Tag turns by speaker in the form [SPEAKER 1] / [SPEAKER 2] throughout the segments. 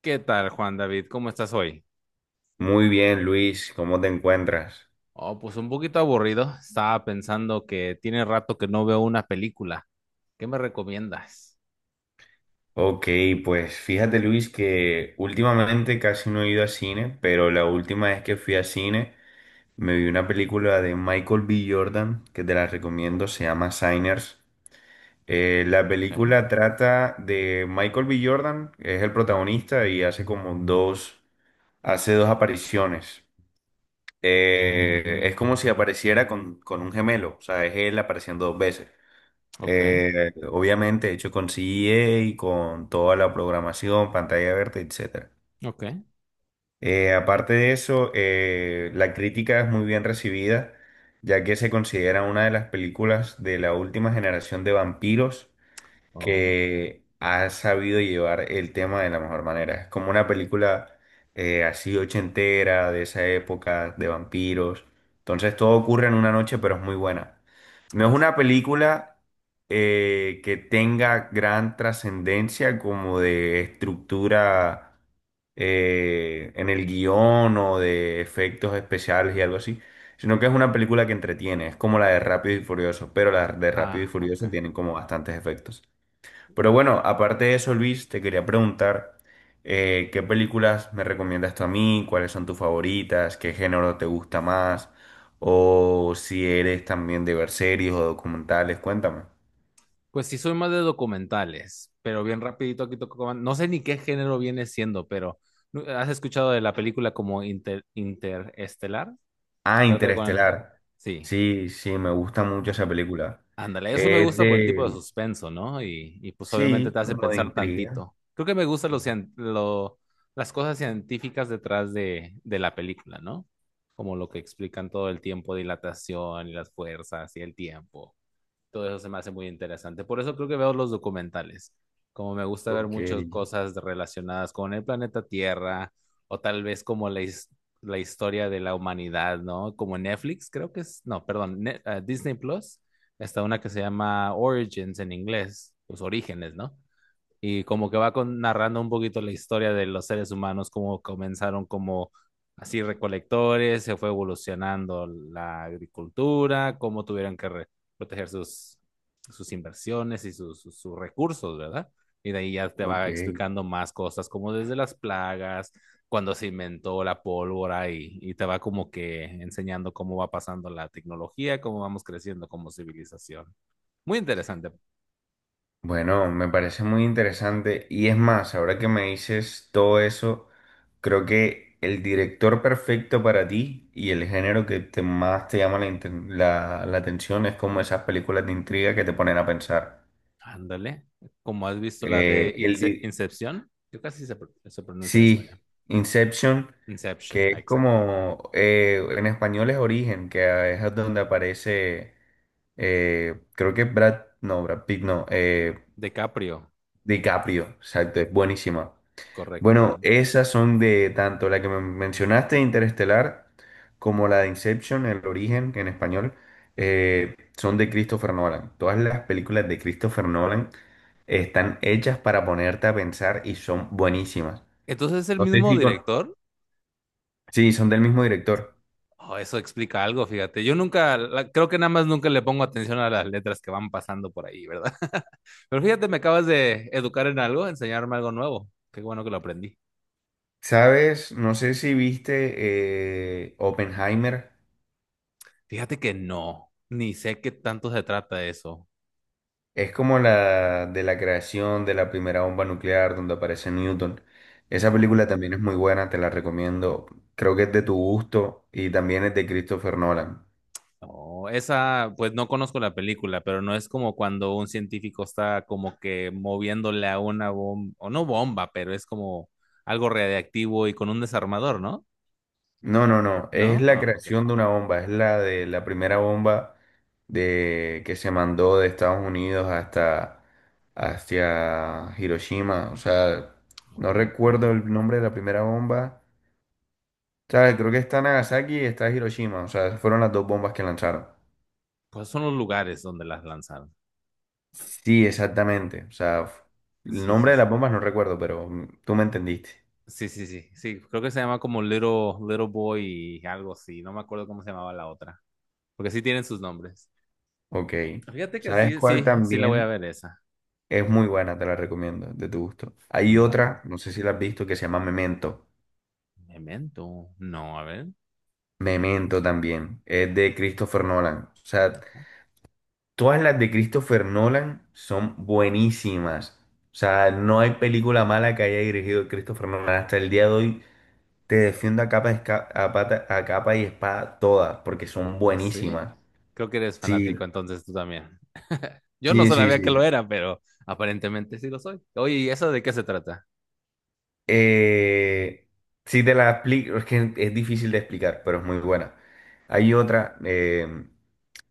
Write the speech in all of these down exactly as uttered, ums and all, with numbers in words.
[SPEAKER 1] ¿Qué tal, Juan David? ¿Cómo estás hoy?
[SPEAKER 2] Muy bien, Luis, ¿cómo te encuentras?
[SPEAKER 1] Oh, pues un poquito aburrido. Estaba pensando que tiene rato que no veo una película. ¿Qué me recomiendas?
[SPEAKER 2] Ok, pues fíjate, Luis, que últimamente casi no he ido a cine, pero la última vez que fui a cine me vi una película de Michael B. Jordan, que te la recomiendo, se llama Signers. Eh, la
[SPEAKER 1] Okay,
[SPEAKER 2] película trata de Michael B. Jordan, que es el protagonista y hace como dos, hace dos apariciones. Eh, es como si apareciera con, con un gemelo, o sea, es él apareciendo dos veces.
[SPEAKER 1] okay,
[SPEAKER 2] Eh, obviamente hecho con C G A y con toda la programación, pantalla verde, etcétera.
[SPEAKER 1] okay,
[SPEAKER 2] Eh, aparte de eso, eh, la crítica es muy bien recibida, ya que se considera una de las películas de la última generación de vampiros
[SPEAKER 1] oh,
[SPEAKER 2] que ha sabido llevar el tema de la mejor manera. Es como una película eh, así ochentera, de esa época, de vampiros. Entonces todo ocurre en una noche, pero es muy buena. No es
[SPEAKER 1] oh,
[SPEAKER 2] una película eh, que tenga gran trascendencia como de estructura eh, en el guión o de efectos especiales y algo así, sino que es una película que entretiene, es como la de Rápido y Furioso, pero la de Rápido y
[SPEAKER 1] ah, ok.
[SPEAKER 2] Furioso tienen como bastantes efectos. Pero bueno, aparte de eso, Luis, te quería preguntar, eh, ¿qué películas me recomiendas tú a mí? ¿Cuáles son tus favoritas? ¿Qué género te gusta más? O si eres también de ver series o documentales, cuéntame.
[SPEAKER 1] Pues sí, soy más de documentales, pero bien rapidito aquí toco. No sé ni qué género viene siendo, pero ¿no- ¿has escuchado de la película como Inter- Interestelar?
[SPEAKER 2] Ah,
[SPEAKER 1] Trata de con...
[SPEAKER 2] Interestelar.
[SPEAKER 1] Sí.
[SPEAKER 2] Sí, sí, me gusta mucho esa película.
[SPEAKER 1] Ándale, eso me
[SPEAKER 2] Es
[SPEAKER 1] gusta por el tipo de
[SPEAKER 2] de...
[SPEAKER 1] suspenso, ¿no? Y, y, pues obviamente te
[SPEAKER 2] Sí,
[SPEAKER 1] hace
[SPEAKER 2] como de
[SPEAKER 1] pensar
[SPEAKER 2] intriga.
[SPEAKER 1] tantito. Creo que me gustan los cien- lo- las cosas científicas detrás de, de la película, ¿no? Como lo que explican todo el tiempo, dilatación y las fuerzas y el tiempo, todo eso se me hace muy interesante. Por eso creo que veo los documentales. Como me gusta ver
[SPEAKER 2] Ok,
[SPEAKER 1] muchas cosas relacionadas con el planeta Tierra, o tal vez como la, his- la historia de la humanidad, ¿no? Como Netflix, creo que es, no, perdón, Ne- eh, Disney Plus, está una que se llama Origins en inglés, pues orígenes, ¿no? Y como que va con- narrando un poquito la historia de los seres humanos, cómo comenzaron como así recolectores, se fue evolucionando la agricultura, cómo tuvieron que re- proteger sus, sus inversiones y sus, sus, sus recursos, ¿verdad? Y de ahí ya te
[SPEAKER 2] ok.
[SPEAKER 1] va explicando más cosas, como desde las plagas, cuando se inventó la pólvora y, y te va como que enseñando cómo va pasando la tecnología, cómo vamos creciendo como civilización. Muy interesante.
[SPEAKER 2] Bueno, me parece muy interesante y es más, ahora que me dices todo eso, creo que el director perfecto para ti y el género que te más te llama la, inten- la- la atención es como esas películas de intriga que te ponen a pensar.
[SPEAKER 1] Ándale. Como has visto la de
[SPEAKER 2] Eh, el
[SPEAKER 1] Ince-
[SPEAKER 2] di-
[SPEAKER 1] Incepción, yo casi se, pro- se pronuncia en
[SPEAKER 2] sí,
[SPEAKER 1] español.
[SPEAKER 2] Inception,
[SPEAKER 1] Inception,
[SPEAKER 2] que
[SPEAKER 1] ah,
[SPEAKER 2] es
[SPEAKER 1] exacto.
[SPEAKER 2] como, eh, en español es Origen, que es donde aparece, eh, creo que Brad, no, Brad Pitt, no, eh,
[SPEAKER 1] DiCaprio,
[SPEAKER 2] DiCaprio, exacto, es buenísima.
[SPEAKER 1] correcto,
[SPEAKER 2] Bueno,
[SPEAKER 1] correcto.
[SPEAKER 2] esas son de tanto la que me mencionaste, Interestelar, como la de Inception, El Origen, que en español, eh, son de Christopher Nolan. Todas las películas de Christopher Nolan están hechas para ponerte a pensar y son buenísimas.
[SPEAKER 1] Entonces es el
[SPEAKER 2] No sé
[SPEAKER 1] mismo
[SPEAKER 2] si con...
[SPEAKER 1] director.
[SPEAKER 2] Sí, son del mismo director.
[SPEAKER 1] Oh, eso explica algo, fíjate. Yo nunca, la- creo que nada más nunca le pongo atención a las letras que van pasando por ahí, ¿verdad? Pero fíjate, me acabas de educar en algo, enseñarme algo nuevo. Qué bueno que lo aprendí.
[SPEAKER 2] ¿Sabes? No sé si viste eh, Oppenheimer.
[SPEAKER 1] Fíjate que no, ni sé qué tanto se trata eso.
[SPEAKER 2] Es como la de la creación de la primera bomba nuclear donde aparece Newton. Esa película también
[SPEAKER 1] Oh.
[SPEAKER 2] es muy buena, te la recomiendo. Creo que es de tu gusto y también es de Christopher Nolan.
[SPEAKER 1] Oh, esa, pues no conozco la película, pero no es como cuando un científico está como que moviéndole a una bomba, o no bomba, pero es como algo radiactivo y con un desarmador, ¿no?
[SPEAKER 2] No, no, no, es
[SPEAKER 1] ¿No?
[SPEAKER 2] la
[SPEAKER 1] Ah, ok.
[SPEAKER 2] creación de una bomba, es la de la primera bomba de que se mandó de Estados Unidos hasta hacia Hiroshima, o sea, no
[SPEAKER 1] Ok.
[SPEAKER 2] recuerdo el nombre de la primera bomba. O sea, creo que está Nagasaki y está Hiroshima, o sea, fueron las dos bombas que lanzaron.
[SPEAKER 1] Pues son los lugares donde las lanzaron.
[SPEAKER 2] Sí, exactamente. O sea, f- el
[SPEAKER 1] Sí, sí,
[SPEAKER 2] nombre de
[SPEAKER 1] sí.
[SPEAKER 2] las bombas no recuerdo, pero mm, tú me entendiste.
[SPEAKER 1] Sí, sí, sí, sí. Creo que se llama como Little, Little Boy y algo así. No me acuerdo cómo se llamaba la otra. Porque sí tienen sus nombres.
[SPEAKER 2] Ok.
[SPEAKER 1] Fíjate que
[SPEAKER 2] ¿Sabes
[SPEAKER 1] sí,
[SPEAKER 2] cuál
[SPEAKER 1] sí, sí la voy a
[SPEAKER 2] también
[SPEAKER 1] ver esa.
[SPEAKER 2] es muy buena? Te la recomiendo, de tu gusto. Hay
[SPEAKER 1] Va-
[SPEAKER 2] otra, no sé si la has visto, que se llama Memento.
[SPEAKER 1] Memento. No, a ver.
[SPEAKER 2] Memento también. Es de Christopher Nolan. O sea, todas las de Christopher Nolan son buenísimas. O sea, no hay película mala que haya dirigido Christopher Nolan. Hasta el día de hoy te defiendo a capa, y esca- a pata- a capa y espada todas, porque son
[SPEAKER 1] No sé.
[SPEAKER 2] buenísimas.
[SPEAKER 1] Creo que eres
[SPEAKER 2] Sí,
[SPEAKER 1] fanático, entonces tú también. Yo no
[SPEAKER 2] sí, sí,
[SPEAKER 1] sabía que
[SPEAKER 2] sí.
[SPEAKER 1] lo era, pero aparentemente sí lo soy. Oye, ¿y eso de qué se trata?
[SPEAKER 2] Eh, sí te la explico, es que es difícil de explicar, pero es muy buena. Hay otra, eh,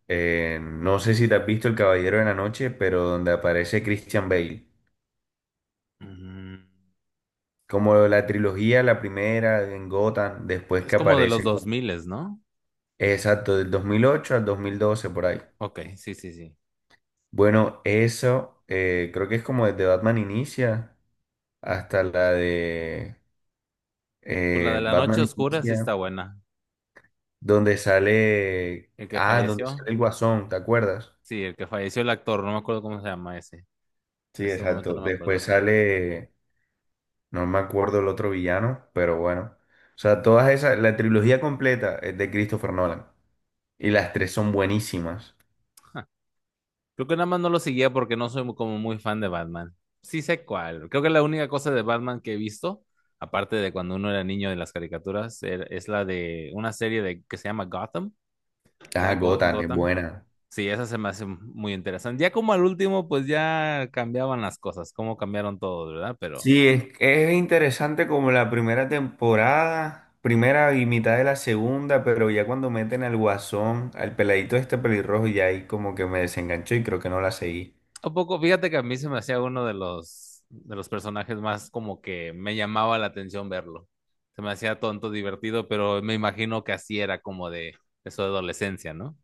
[SPEAKER 2] eh, no sé si te has visto El Caballero de la Noche, pero donde aparece Christian Bale.
[SPEAKER 1] Mm,
[SPEAKER 2] Como la trilogía, la primera en Gotham, después
[SPEAKER 1] ¿es
[SPEAKER 2] que
[SPEAKER 1] como de los
[SPEAKER 2] aparece,
[SPEAKER 1] dos mil, ¿no?
[SPEAKER 2] exacto, del dos mil ocho al dos mil doce por ahí.
[SPEAKER 1] Ok, sí, sí, sí.
[SPEAKER 2] Bueno, eso eh, creo que es como desde Batman Inicia hasta la de
[SPEAKER 1] Pues la de
[SPEAKER 2] eh,
[SPEAKER 1] la noche
[SPEAKER 2] Batman
[SPEAKER 1] oscura sí está
[SPEAKER 2] Inicia.
[SPEAKER 1] buena.
[SPEAKER 2] Donde sale,
[SPEAKER 1] El que
[SPEAKER 2] ah, donde
[SPEAKER 1] falleció,
[SPEAKER 2] sale el Guasón, ¿te acuerdas?
[SPEAKER 1] sí, el que falleció el actor, no me acuerdo cómo se llama ese. En
[SPEAKER 2] Sí,
[SPEAKER 1] este momento
[SPEAKER 2] exacto.
[SPEAKER 1] no me acuerdo,
[SPEAKER 2] Después
[SPEAKER 1] pero
[SPEAKER 2] sale, no me acuerdo el otro villano, pero bueno. O sea, todas esas, la trilogía completa es de Christopher Nolan. Y las tres son buenísimas.
[SPEAKER 1] creo que nada más no lo seguía porque no soy como muy fan de Batman. Sí sé cuál. Creo que la única cosa de Batman que he visto, aparte de cuando uno era niño de las caricaturas, er- es la de una serie de, que se llama Gotham,
[SPEAKER 2] Ah,
[SPEAKER 1] ¿verdad? Go-
[SPEAKER 2] Gotham es
[SPEAKER 1] Gotham.
[SPEAKER 2] buena.
[SPEAKER 1] Sí, esa se me hace muy interesante. Ya como al último, pues ya cambiaban las cosas, cómo cambiaron todo, ¿verdad? Pero
[SPEAKER 2] Sí, es, es interesante como la primera temporada, primera y mitad de la segunda, pero ya cuando meten al Guasón, al peladito este pelirrojo, ya ahí como que me desenganchó y creo que no la seguí.
[SPEAKER 1] un poco, fíjate que a mí se me hacía uno de los, de los personajes más como que me llamaba la atención verlo. Se me hacía tonto, divertido, pero me imagino que así era como de eso de adolescencia, ¿no?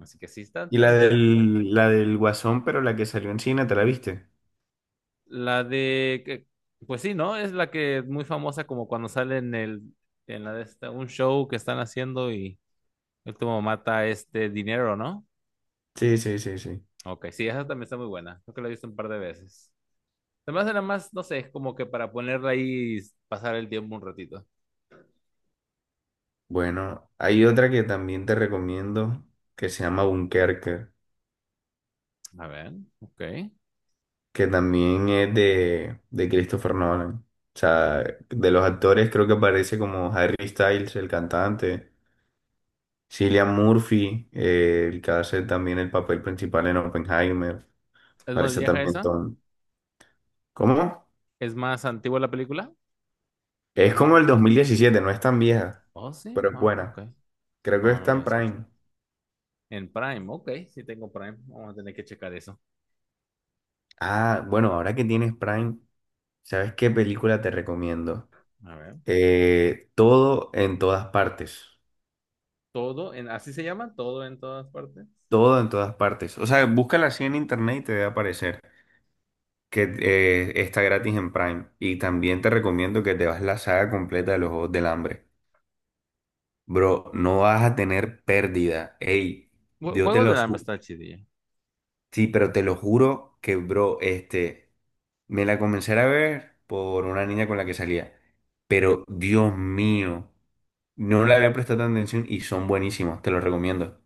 [SPEAKER 1] Así que sí, está
[SPEAKER 2] Y
[SPEAKER 1] tan
[SPEAKER 2] la
[SPEAKER 1] interesante.
[SPEAKER 2] del, la del Guasón, pero la que salió en cine, ¿te la viste?
[SPEAKER 1] La de, que- pues sí, ¿no? Es la que es muy famosa como cuando sale en el, en la de esta, un show que están haciendo y él como mata este dinero, ¿no?
[SPEAKER 2] Sí, sí, sí, sí.
[SPEAKER 1] Ok, sí, esa también está muy buena. Creo que la he visto un par de veces. Además, era más, no sé, como que para ponerla ahí y pasar el tiempo un ratito.
[SPEAKER 2] Bueno, hay otra que también te recomiendo que se llama Dunkerque,
[SPEAKER 1] A ver, ok.
[SPEAKER 2] que también es de, de Christopher Nolan. O sea, de los actores creo que aparece como Harry Styles, el cantante, Cillian Murphy, eh, el que hace también el papel principal en Oppenheimer.
[SPEAKER 1] ¿Es más
[SPEAKER 2] Parece
[SPEAKER 1] vieja
[SPEAKER 2] también
[SPEAKER 1] esa?
[SPEAKER 2] Tom. ¿Cómo?
[SPEAKER 1] ¿Es más antigua la película?
[SPEAKER 2] Es
[SPEAKER 1] ¿Más
[SPEAKER 2] como
[SPEAKER 1] viejita?
[SPEAKER 2] el dos mil diecisiete, no es tan vieja,
[SPEAKER 1] Oh, sí.
[SPEAKER 2] pero es
[SPEAKER 1] Ah, ok.
[SPEAKER 2] buena. Creo que
[SPEAKER 1] No, no
[SPEAKER 2] está
[SPEAKER 1] la
[SPEAKER 2] en
[SPEAKER 1] escuchado.
[SPEAKER 2] Prime.
[SPEAKER 1] En Prime, ok. Sí tengo Prime. Vamos a tener que checar eso.
[SPEAKER 2] Ah, bueno, ahora que tienes Prime, ¿sabes qué película te recomiendo?
[SPEAKER 1] A ver.
[SPEAKER 2] Eh, todo en todas partes.
[SPEAKER 1] Todo, en, así se llama, todo en todas partes.
[SPEAKER 2] Todo en todas partes. O sea, búscala así en internet y te debe aparecer que eh, está gratis en Prime. Y también te recomiendo que te vas la saga completa de los Juegos del Hambre. Bro, no vas a tener pérdida. Ey,
[SPEAKER 1] Jue-
[SPEAKER 2] yo te
[SPEAKER 1] Juegos
[SPEAKER 2] lo,
[SPEAKER 1] del Hambre está chidilla.
[SPEAKER 2] sí, pero te lo juro que, bro, este, me la comencé a ver por una niña con la que salía. Pero, Dios mío, no le había prestado tanta atención y son buenísimos, te los recomiendo.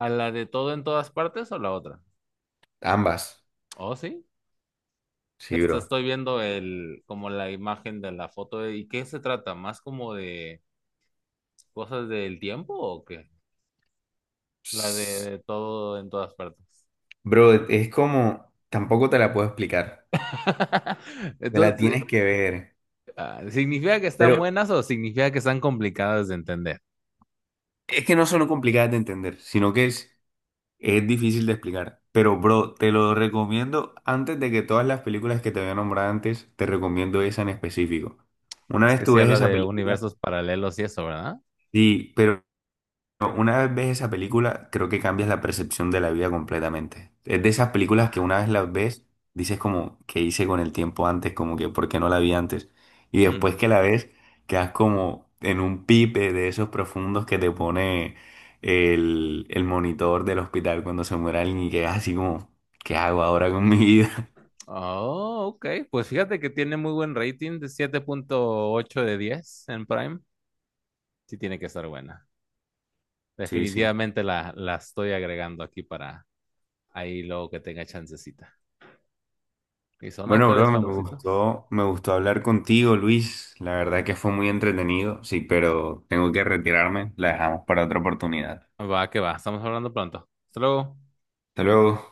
[SPEAKER 1] ¿A la de todo en todas partes o la otra?
[SPEAKER 2] Ambas.
[SPEAKER 1] Oh, sí.
[SPEAKER 2] Sí,
[SPEAKER 1] Esta
[SPEAKER 2] bro.
[SPEAKER 1] estoy viendo el, como la imagen de la foto. ¿De y qué se trata? ¿Más como de cosas del tiempo o qué? La
[SPEAKER 2] Psst.
[SPEAKER 1] de todo en todas partes.
[SPEAKER 2] Bro, es como, tampoco te la puedo explicar. Te la
[SPEAKER 1] Entonces,
[SPEAKER 2] tienes que ver.
[SPEAKER 1] ah, ¿significa que están
[SPEAKER 2] Pero
[SPEAKER 1] buenas o significa que están complicadas de entender?
[SPEAKER 2] es que no son complicadas de entender, sino que es, Es difícil de explicar, pero bro, te lo recomiendo antes de que todas las películas que te había nombrado antes, te recomiendo esa en específico. Una
[SPEAKER 1] Es
[SPEAKER 2] vez
[SPEAKER 1] que
[SPEAKER 2] tú
[SPEAKER 1] si
[SPEAKER 2] ves
[SPEAKER 1] habla
[SPEAKER 2] esa
[SPEAKER 1] de
[SPEAKER 2] película,
[SPEAKER 1] universos paralelos y eso, ¿verdad?
[SPEAKER 2] sí, pero no, Una vez ves esa película, creo que cambias la percepción de la vida completamente. Es de esas películas que
[SPEAKER 1] Ah,
[SPEAKER 2] una vez las ves, dices como, ¿qué hice con el tiempo antes? Como que, ¿por qué no la vi antes? Y
[SPEAKER 1] hmm.
[SPEAKER 2] después que la ves, quedas como en un pipe de esos profundos que te pone el, el monitor del hospital cuando se muere alguien y quedas así como, ¿qué hago ahora con mi vida?
[SPEAKER 1] Oh, ok. Pues fíjate que tiene muy buen rating de siete punto ocho de diez en Prime. Sí tiene que estar buena.
[SPEAKER 2] Sí, sí.
[SPEAKER 1] Definitivamente la, la estoy agregando aquí para ahí luego que tenga chancecita. Y son
[SPEAKER 2] Bueno,
[SPEAKER 1] actores
[SPEAKER 2] bro, me
[SPEAKER 1] famositos.
[SPEAKER 2] gustó, me gustó hablar contigo, Luis. La verdad que fue muy entretenido, sí, pero tengo que retirarme. La dejamos para otra oportunidad.
[SPEAKER 1] Va, que va. Estamos hablando pronto. Hasta luego.
[SPEAKER 2] Hasta luego.